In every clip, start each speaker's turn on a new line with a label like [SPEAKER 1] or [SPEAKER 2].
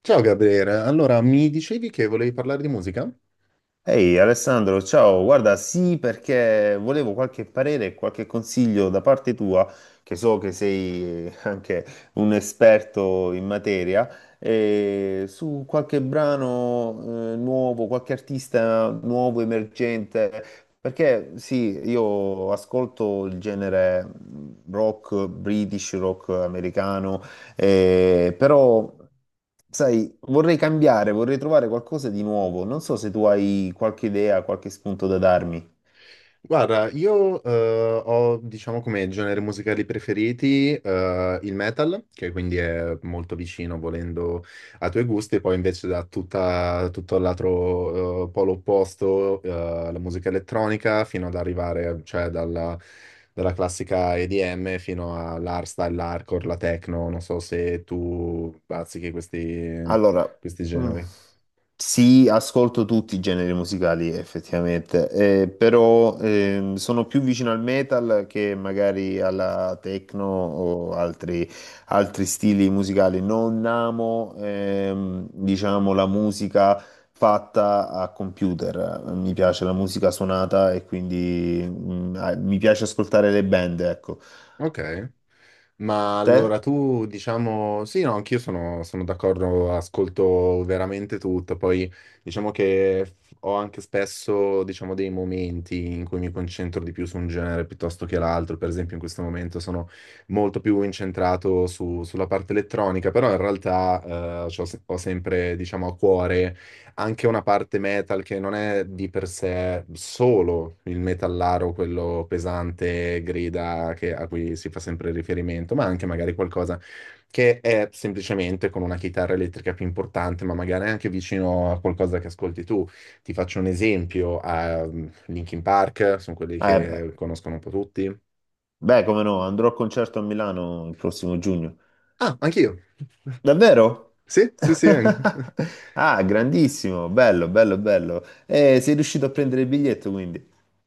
[SPEAKER 1] Ciao Gabriele, allora mi dicevi che volevi parlare di musica?
[SPEAKER 2] Ehi Alessandro, ciao, guarda, sì, perché volevo qualche parere e qualche consiglio da parte tua, che so che sei anche un esperto in materia, su qualche brano, nuovo, qualche artista nuovo, emergente, perché sì, io ascolto il genere rock, British rock americano però, sai, vorrei cambiare, vorrei trovare qualcosa di nuovo. Non so se tu hai qualche idea, qualche spunto da darmi.
[SPEAKER 1] Guarda, io ho diciamo come generi musicali preferiti il metal, che quindi è molto vicino volendo ai tuoi gusti, poi invece da tutto l'altro polo opposto, la musica elettronica, fino ad arrivare cioè dalla classica EDM fino all'hardstyle, l'hardcore, la techno, non so se tu bazzichi
[SPEAKER 2] Allora,
[SPEAKER 1] questi
[SPEAKER 2] mm,
[SPEAKER 1] generi.
[SPEAKER 2] sì, ascolto tutti i generi musicali effettivamente, però sono più vicino al metal che magari alla techno o altri, altri stili musicali. Non amo, diciamo, la musica fatta a computer, mi piace la musica suonata e quindi mi piace ascoltare le band, ecco.
[SPEAKER 1] Ok. Ma allora
[SPEAKER 2] Te?
[SPEAKER 1] tu, diciamo, sì, no, anch'io sono d'accordo, ascolto veramente tutto, poi diciamo che ho anche spesso, diciamo, dei momenti in cui mi concentro di più su un genere piuttosto che l'altro, per esempio in questo momento sono molto più incentrato sulla parte elettronica, però in realtà c'ho se- ho sempre, diciamo, a cuore anche una parte metal che non è di per sé solo il metallaro, quello pesante, grida a cui si fa sempre riferimento, ma anche magari qualcosa che è semplicemente con una chitarra elettrica più importante, ma magari anche vicino a qualcosa che ascolti tu. Ti faccio un esempio, Linkin Park, sono quelli
[SPEAKER 2] Eh beh,
[SPEAKER 1] che conoscono un po' tutti.
[SPEAKER 2] beh, come no, andrò al concerto a Milano il prossimo giugno.
[SPEAKER 1] Ah, anch'io.
[SPEAKER 2] Davvero?
[SPEAKER 1] Sì, sì, sì, anche.
[SPEAKER 2] Ah, grandissimo, bello, bello, bello. Sei riuscito a prendere il biglietto quindi.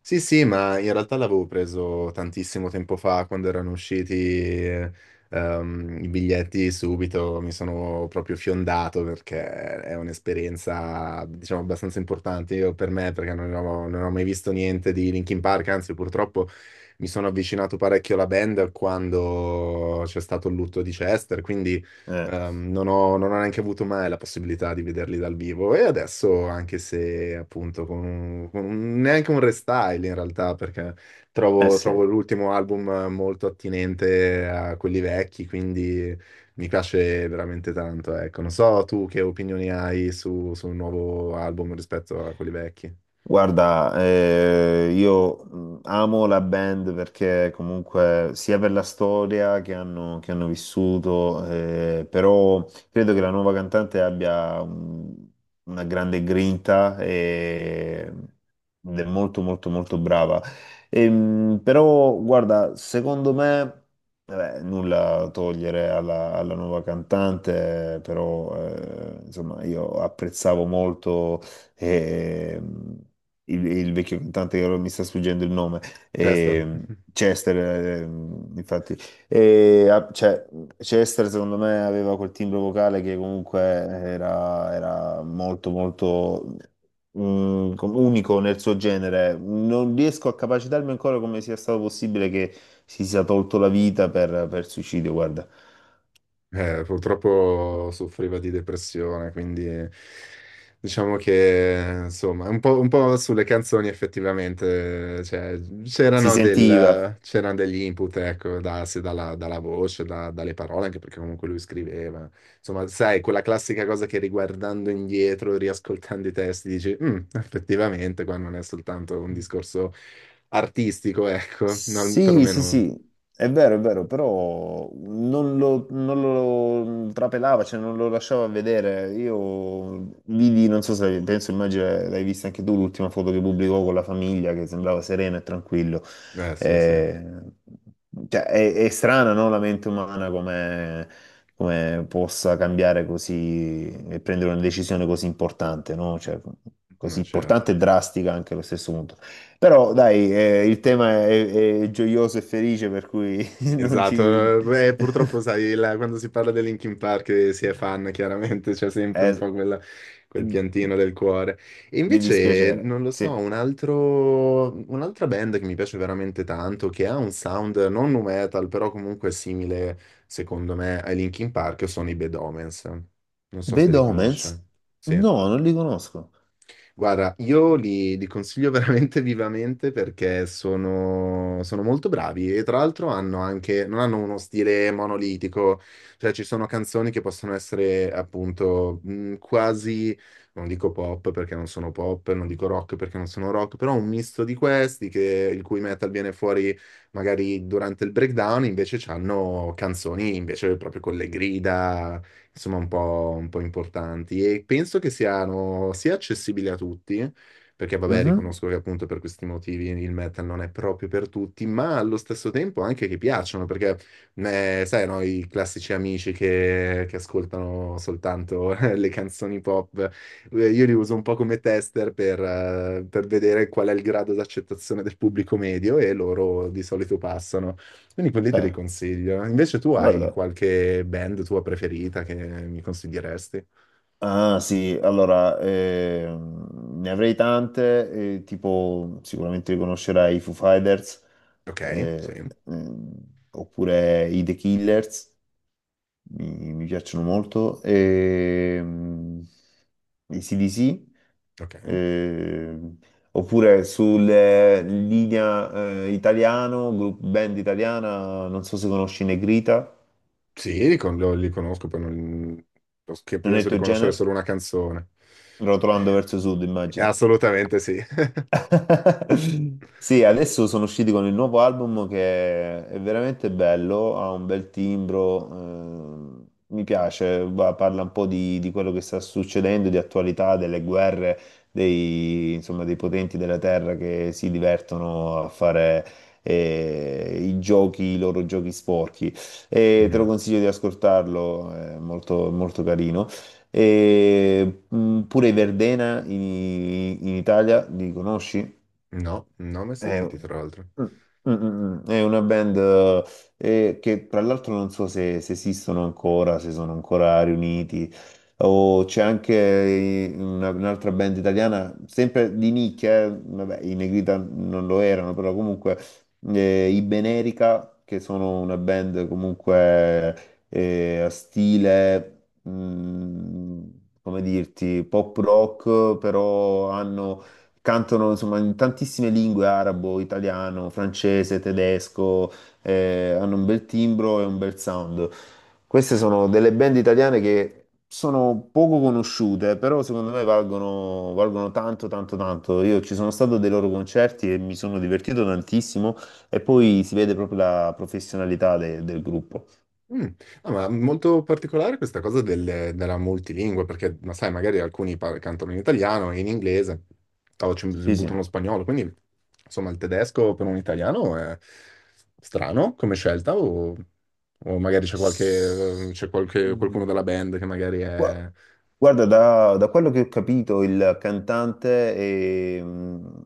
[SPEAKER 1] Sì, sì, ma in realtà l'avevo preso tantissimo tempo fa, quando erano usciti i biglietti subito, mi sono proprio fiondato perché è un'esperienza, diciamo, abbastanza importante io, per me, perché non ho mai visto niente di Linkin Park, anzi, purtroppo mi sono avvicinato parecchio alla band quando c'è stato il lutto di Chester, quindi.
[SPEAKER 2] Eh,
[SPEAKER 1] Non ho neanche avuto mai la possibilità di vederli dal vivo e adesso, anche se appunto con neanche un restyle in realtà, perché
[SPEAKER 2] eh sì.
[SPEAKER 1] trovo l'ultimo album molto attinente a quelli vecchi, quindi mi piace veramente tanto. Ecco, non so tu che opinioni hai sul nuovo album rispetto a quelli vecchi.
[SPEAKER 2] Guarda, io amo la band perché comunque sia per la storia che hanno vissuto, però credo che la nuova cantante abbia una grande grinta e, ed è molto molto molto brava. Però guarda, secondo me, vabbè, nulla a togliere alla, alla nuova cantante, però insomma io apprezzavo molto... Ehm, il vecchio cantante che ora mi sta sfuggendo il nome,
[SPEAKER 1] Chester.
[SPEAKER 2] ehm, Chester, infatti, e, ah, cioè, Chester secondo me aveva quel timbro vocale che comunque era, era molto molto unico nel suo genere. Non riesco a capacitarmi ancora come sia stato possibile che si sia tolto la vita per suicidio, guarda.
[SPEAKER 1] Purtroppo soffriva di depressione, quindi diciamo che insomma, un po' sulle canzoni effettivamente, cioè,
[SPEAKER 2] Si sentiva.
[SPEAKER 1] c'erano degli input, ecco, da- se dalla, dalla voce, dalle parole, anche perché comunque lui scriveva. Insomma, sai, quella classica cosa che riguardando indietro, riascoltando i testi, dici, "Mm, effettivamente, qua non è soltanto un discorso artistico, ecco, non,
[SPEAKER 2] Sì, sì,
[SPEAKER 1] perlomeno..."
[SPEAKER 2] sì, è vero, però non lo, non lo trapelava, cioè non lo lasciava vedere. Io vidi, non so se penso, immagino l'hai vista anche tu, l'ultima foto che pubblicò con la famiglia, che sembrava sereno e tranquillo.
[SPEAKER 1] Eh sì, sì,
[SPEAKER 2] Eh, cioè, è strana, no? La mente umana come, come possa cambiare così e prendere una decisione così importante, no? Cioè, così
[SPEAKER 1] no, certo.
[SPEAKER 2] importante e drastica anche allo stesso punto. Però dai, il tema è gioioso e felice, per cui non ci...
[SPEAKER 1] Esatto, purtroppo sai, quando si parla di Linkin Park si è fan, chiaramente c'è sempre un
[SPEAKER 2] eh,
[SPEAKER 1] po' quel piantino del cuore. E
[SPEAKER 2] di
[SPEAKER 1] invece,
[SPEAKER 2] dispiacere,
[SPEAKER 1] non lo so,
[SPEAKER 2] sì.
[SPEAKER 1] un'altra band che mi piace veramente tanto, che ha un sound non nu metal, però comunque simile, secondo me, ai Linkin Park, sono i Bad Omens. Non so
[SPEAKER 2] The
[SPEAKER 1] se li
[SPEAKER 2] Omens?
[SPEAKER 1] conosci. Sì.
[SPEAKER 2] No, non li conosco.
[SPEAKER 1] Guarda, li consiglio veramente vivamente perché sono molto bravi e tra l'altro hanno anche, non hanno uno stile monolitico, cioè ci sono canzoni che possono essere appunto quasi, non dico pop perché non sono pop, non dico rock perché non sono rock, però un misto di questi che, il cui metal viene fuori magari durante il breakdown, invece hanno canzoni invece proprio con le grida insomma un po' importanti e penso che siano sia accessibili a tutti, perché vabbè
[SPEAKER 2] Mhm.
[SPEAKER 1] riconosco che appunto per questi motivi il metal non è proprio per tutti, ma allo stesso tempo anche che piacciono, perché sai, no, i classici amici che ascoltano soltanto le canzoni pop, io li uso un po' come tester per vedere qual è il grado d'accettazione del pubblico medio e loro di solito passano. Quindi quelli te li
[SPEAKER 2] Beh,
[SPEAKER 1] consiglio. Invece tu hai
[SPEAKER 2] guarda.
[SPEAKER 1] qualche band tua preferita che mi consiglieresti?
[SPEAKER 2] Ah sì, allora, ne avrei tante, tipo sicuramente riconoscerai i Foo Fighters,
[SPEAKER 1] Ok, sì,
[SPEAKER 2] eh, ehm, oppure i The Killers. Mi piacciono molto. E, i CDC,
[SPEAKER 1] ok.
[SPEAKER 2] eh, oppure sulla linea italiano, group band italiana, non so se conosci Negrita,
[SPEAKER 1] Sì, li conosco, poi non... che
[SPEAKER 2] non è il
[SPEAKER 1] penso di
[SPEAKER 2] tuo
[SPEAKER 1] conoscere solo
[SPEAKER 2] genere?
[SPEAKER 1] una canzone.
[SPEAKER 2] Rotolando verso sud, immagino.
[SPEAKER 1] Assolutamente sì.
[SPEAKER 2] Sì, adesso sono usciti con il nuovo album che è veramente bello, ha un bel timbro, mi piace, parla un po' di quello che sta succedendo, di attualità, delle guerre, dei, insomma, dei potenti della terra che si divertono a fare i giochi, i loro giochi sporchi. E te lo
[SPEAKER 1] Mhm.
[SPEAKER 2] consiglio di ascoltarlo, è molto, molto carino. E, pure i Verdena in, in Italia, li conosci?
[SPEAKER 1] No, non ho mai
[SPEAKER 2] È,
[SPEAKER 1] sentiti, tra l'altro.
[SPEAKER 2] è una band che tra l'altro non so se, se esistono ancora, se sono ancora riuniti, o c'è anche una- un'altra band italiana, sempre di nicchia, vabbè, i Negrita non lo erano, però comunque i Benerica, che sono una band comunque a stile, come dirti, pop rock, però hanno cantano insomma in tantissime lingue, arabo, italiano, francese, tedesco, hanno un bel timbro e un bel sound. Queste sono delle band italiane che sono poco conosciute, però secondo me valgono, valgono tanto, tanto, tanto. Io ci sono stato a dei loro concerti e mi sono divertito tantissimo e poi si vede proprio la professionalità del gruppo.
[SPEAKER 1] Mm. No, ma molto particolare questa cosa della multilingua, perché ma sai, magari alcuni cantano in italiano e in inglese, o ci
[SPEAKER 2] Sì,
[SPEAKER 1] buttano lo spagnolo, quindi insomma il tedesco per un italiano è strano come scelta, o magari
[SPEAKER 2] sì.
[SPEAKER 1] qualcuno della band che magari
[SPEAKER 2] Gua-
[SPEAKER 1] è...
[SPEAKER 2] Guarda, da, da quello che ho capito, il cantante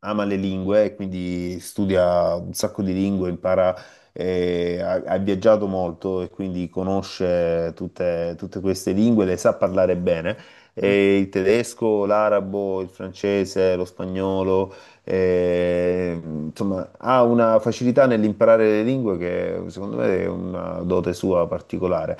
[SPEAKER 2] ama le lingue, e quindi studia un sacco di lingue, impara, ha, ha viaggiato molto e quindi conosce tutte, tutte queste lingue, le sa parlare bene.
[SPEAKER 1] Mm,
[SPEAKER 2] E il tedesco, l'arabo, il francese, lo spagnolo, insomma, ha una facilità nell'imparare le lingue che secondo me è una dote sua particolare.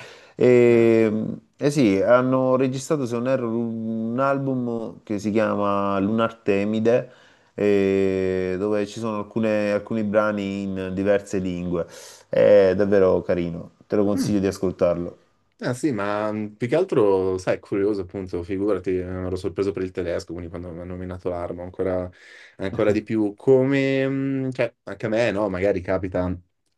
[SPEAKER 1] no.
[SPEAKER 2] E, eh sì, hanno registrato, se non erro, un album che si chiama Lunartemide, dove ci sono alcune- alcuni brani in diverse lingue. È davvero carino, te lo
[SPEAKER 1] Mm.
[SPEAKER 2] consiglio di ascoltarlo.
[SPEAKER 1] Ah sì, ma più che altro, sai, è curioso appunto, figurati, ero sorpreso per il tedesco, quindi quando mi hanno nominato l'arma, ancora di più, come, cioè, anche a me, no, magari capita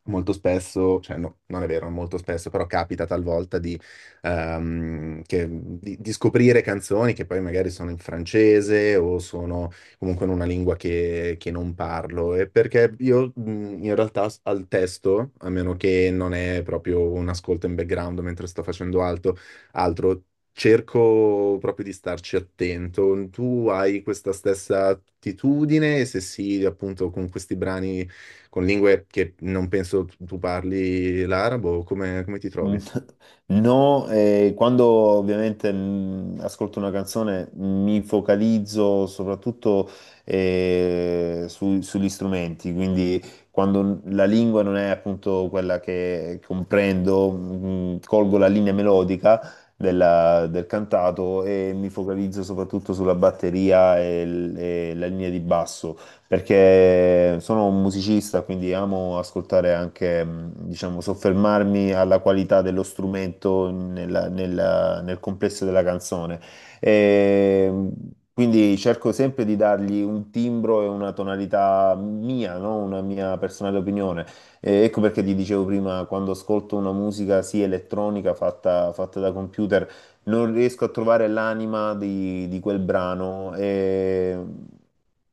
[SPEAKER 1] molto spesso, cioè no, non è vero, non molto spesso, però capita talvolta di, di scoprire canzoni che poi magari sono in francese o sono comunque in una lingua che non parlo. E perché io in realtà al testo, a meno che non è proprio un ascolto in background mentre sto facendo altro, cerco proprio di starci attento. Tu hai questa stessa attitudine? E se sì, appunto con questi brani con lingue che non penso tu parli l'arabo, come ti
[SPEAKER 2] Mm,
[SPEAKER 1] trovi?
[SPEAKER 2] no, quando ovviamente ascolto una canzone mi focalizzo soprattutto sugli strumenti, quindi quando la lingua non è appunto quella che comprendo, colgo la linea melodica del cantato e mi focalizzo soprattutto sulla batteria e, e la linea di basso perché sono un musicista, quindi amo ascoltare anche, diciamo, soffermarmi alla qualità dello strumento nel complesso della canzone. E, quindi cerco sempre di dargli un timbro e una tonalità mia, no? Una mia personale opinione. E ecco perché ti dicevo prima, quando ascolto una musica, sì, elettronica, fatta da computer, non riesco a trovare l'anima di quel brano e,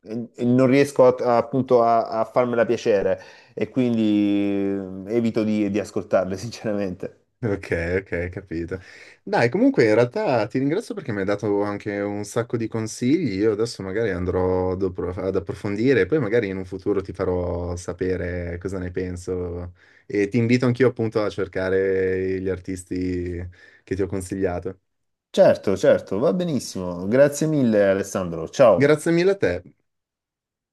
[SPEAKER 2] e non riesco appunto a, a farmela piacere e quindi evito di ascoltarle, sinceramente.
[SPEAKER 1] Ok, ok, capito. Dai, comunque in realtà ti ringrazio perché mi hai dato anche un sacco di consigli. Io adesso magari andrò ad approfondire e poi magari in un futuro ti farò sapere cosa ne penso. E ti invito anch'io appunto a cercare gli artisti che ti ho consigliato.
[SPEAKER 2] Certo, certo, va benissimo. Grazie mille, Alessandro. Ciao.
[SPEAKER 1] Grazie mille a te.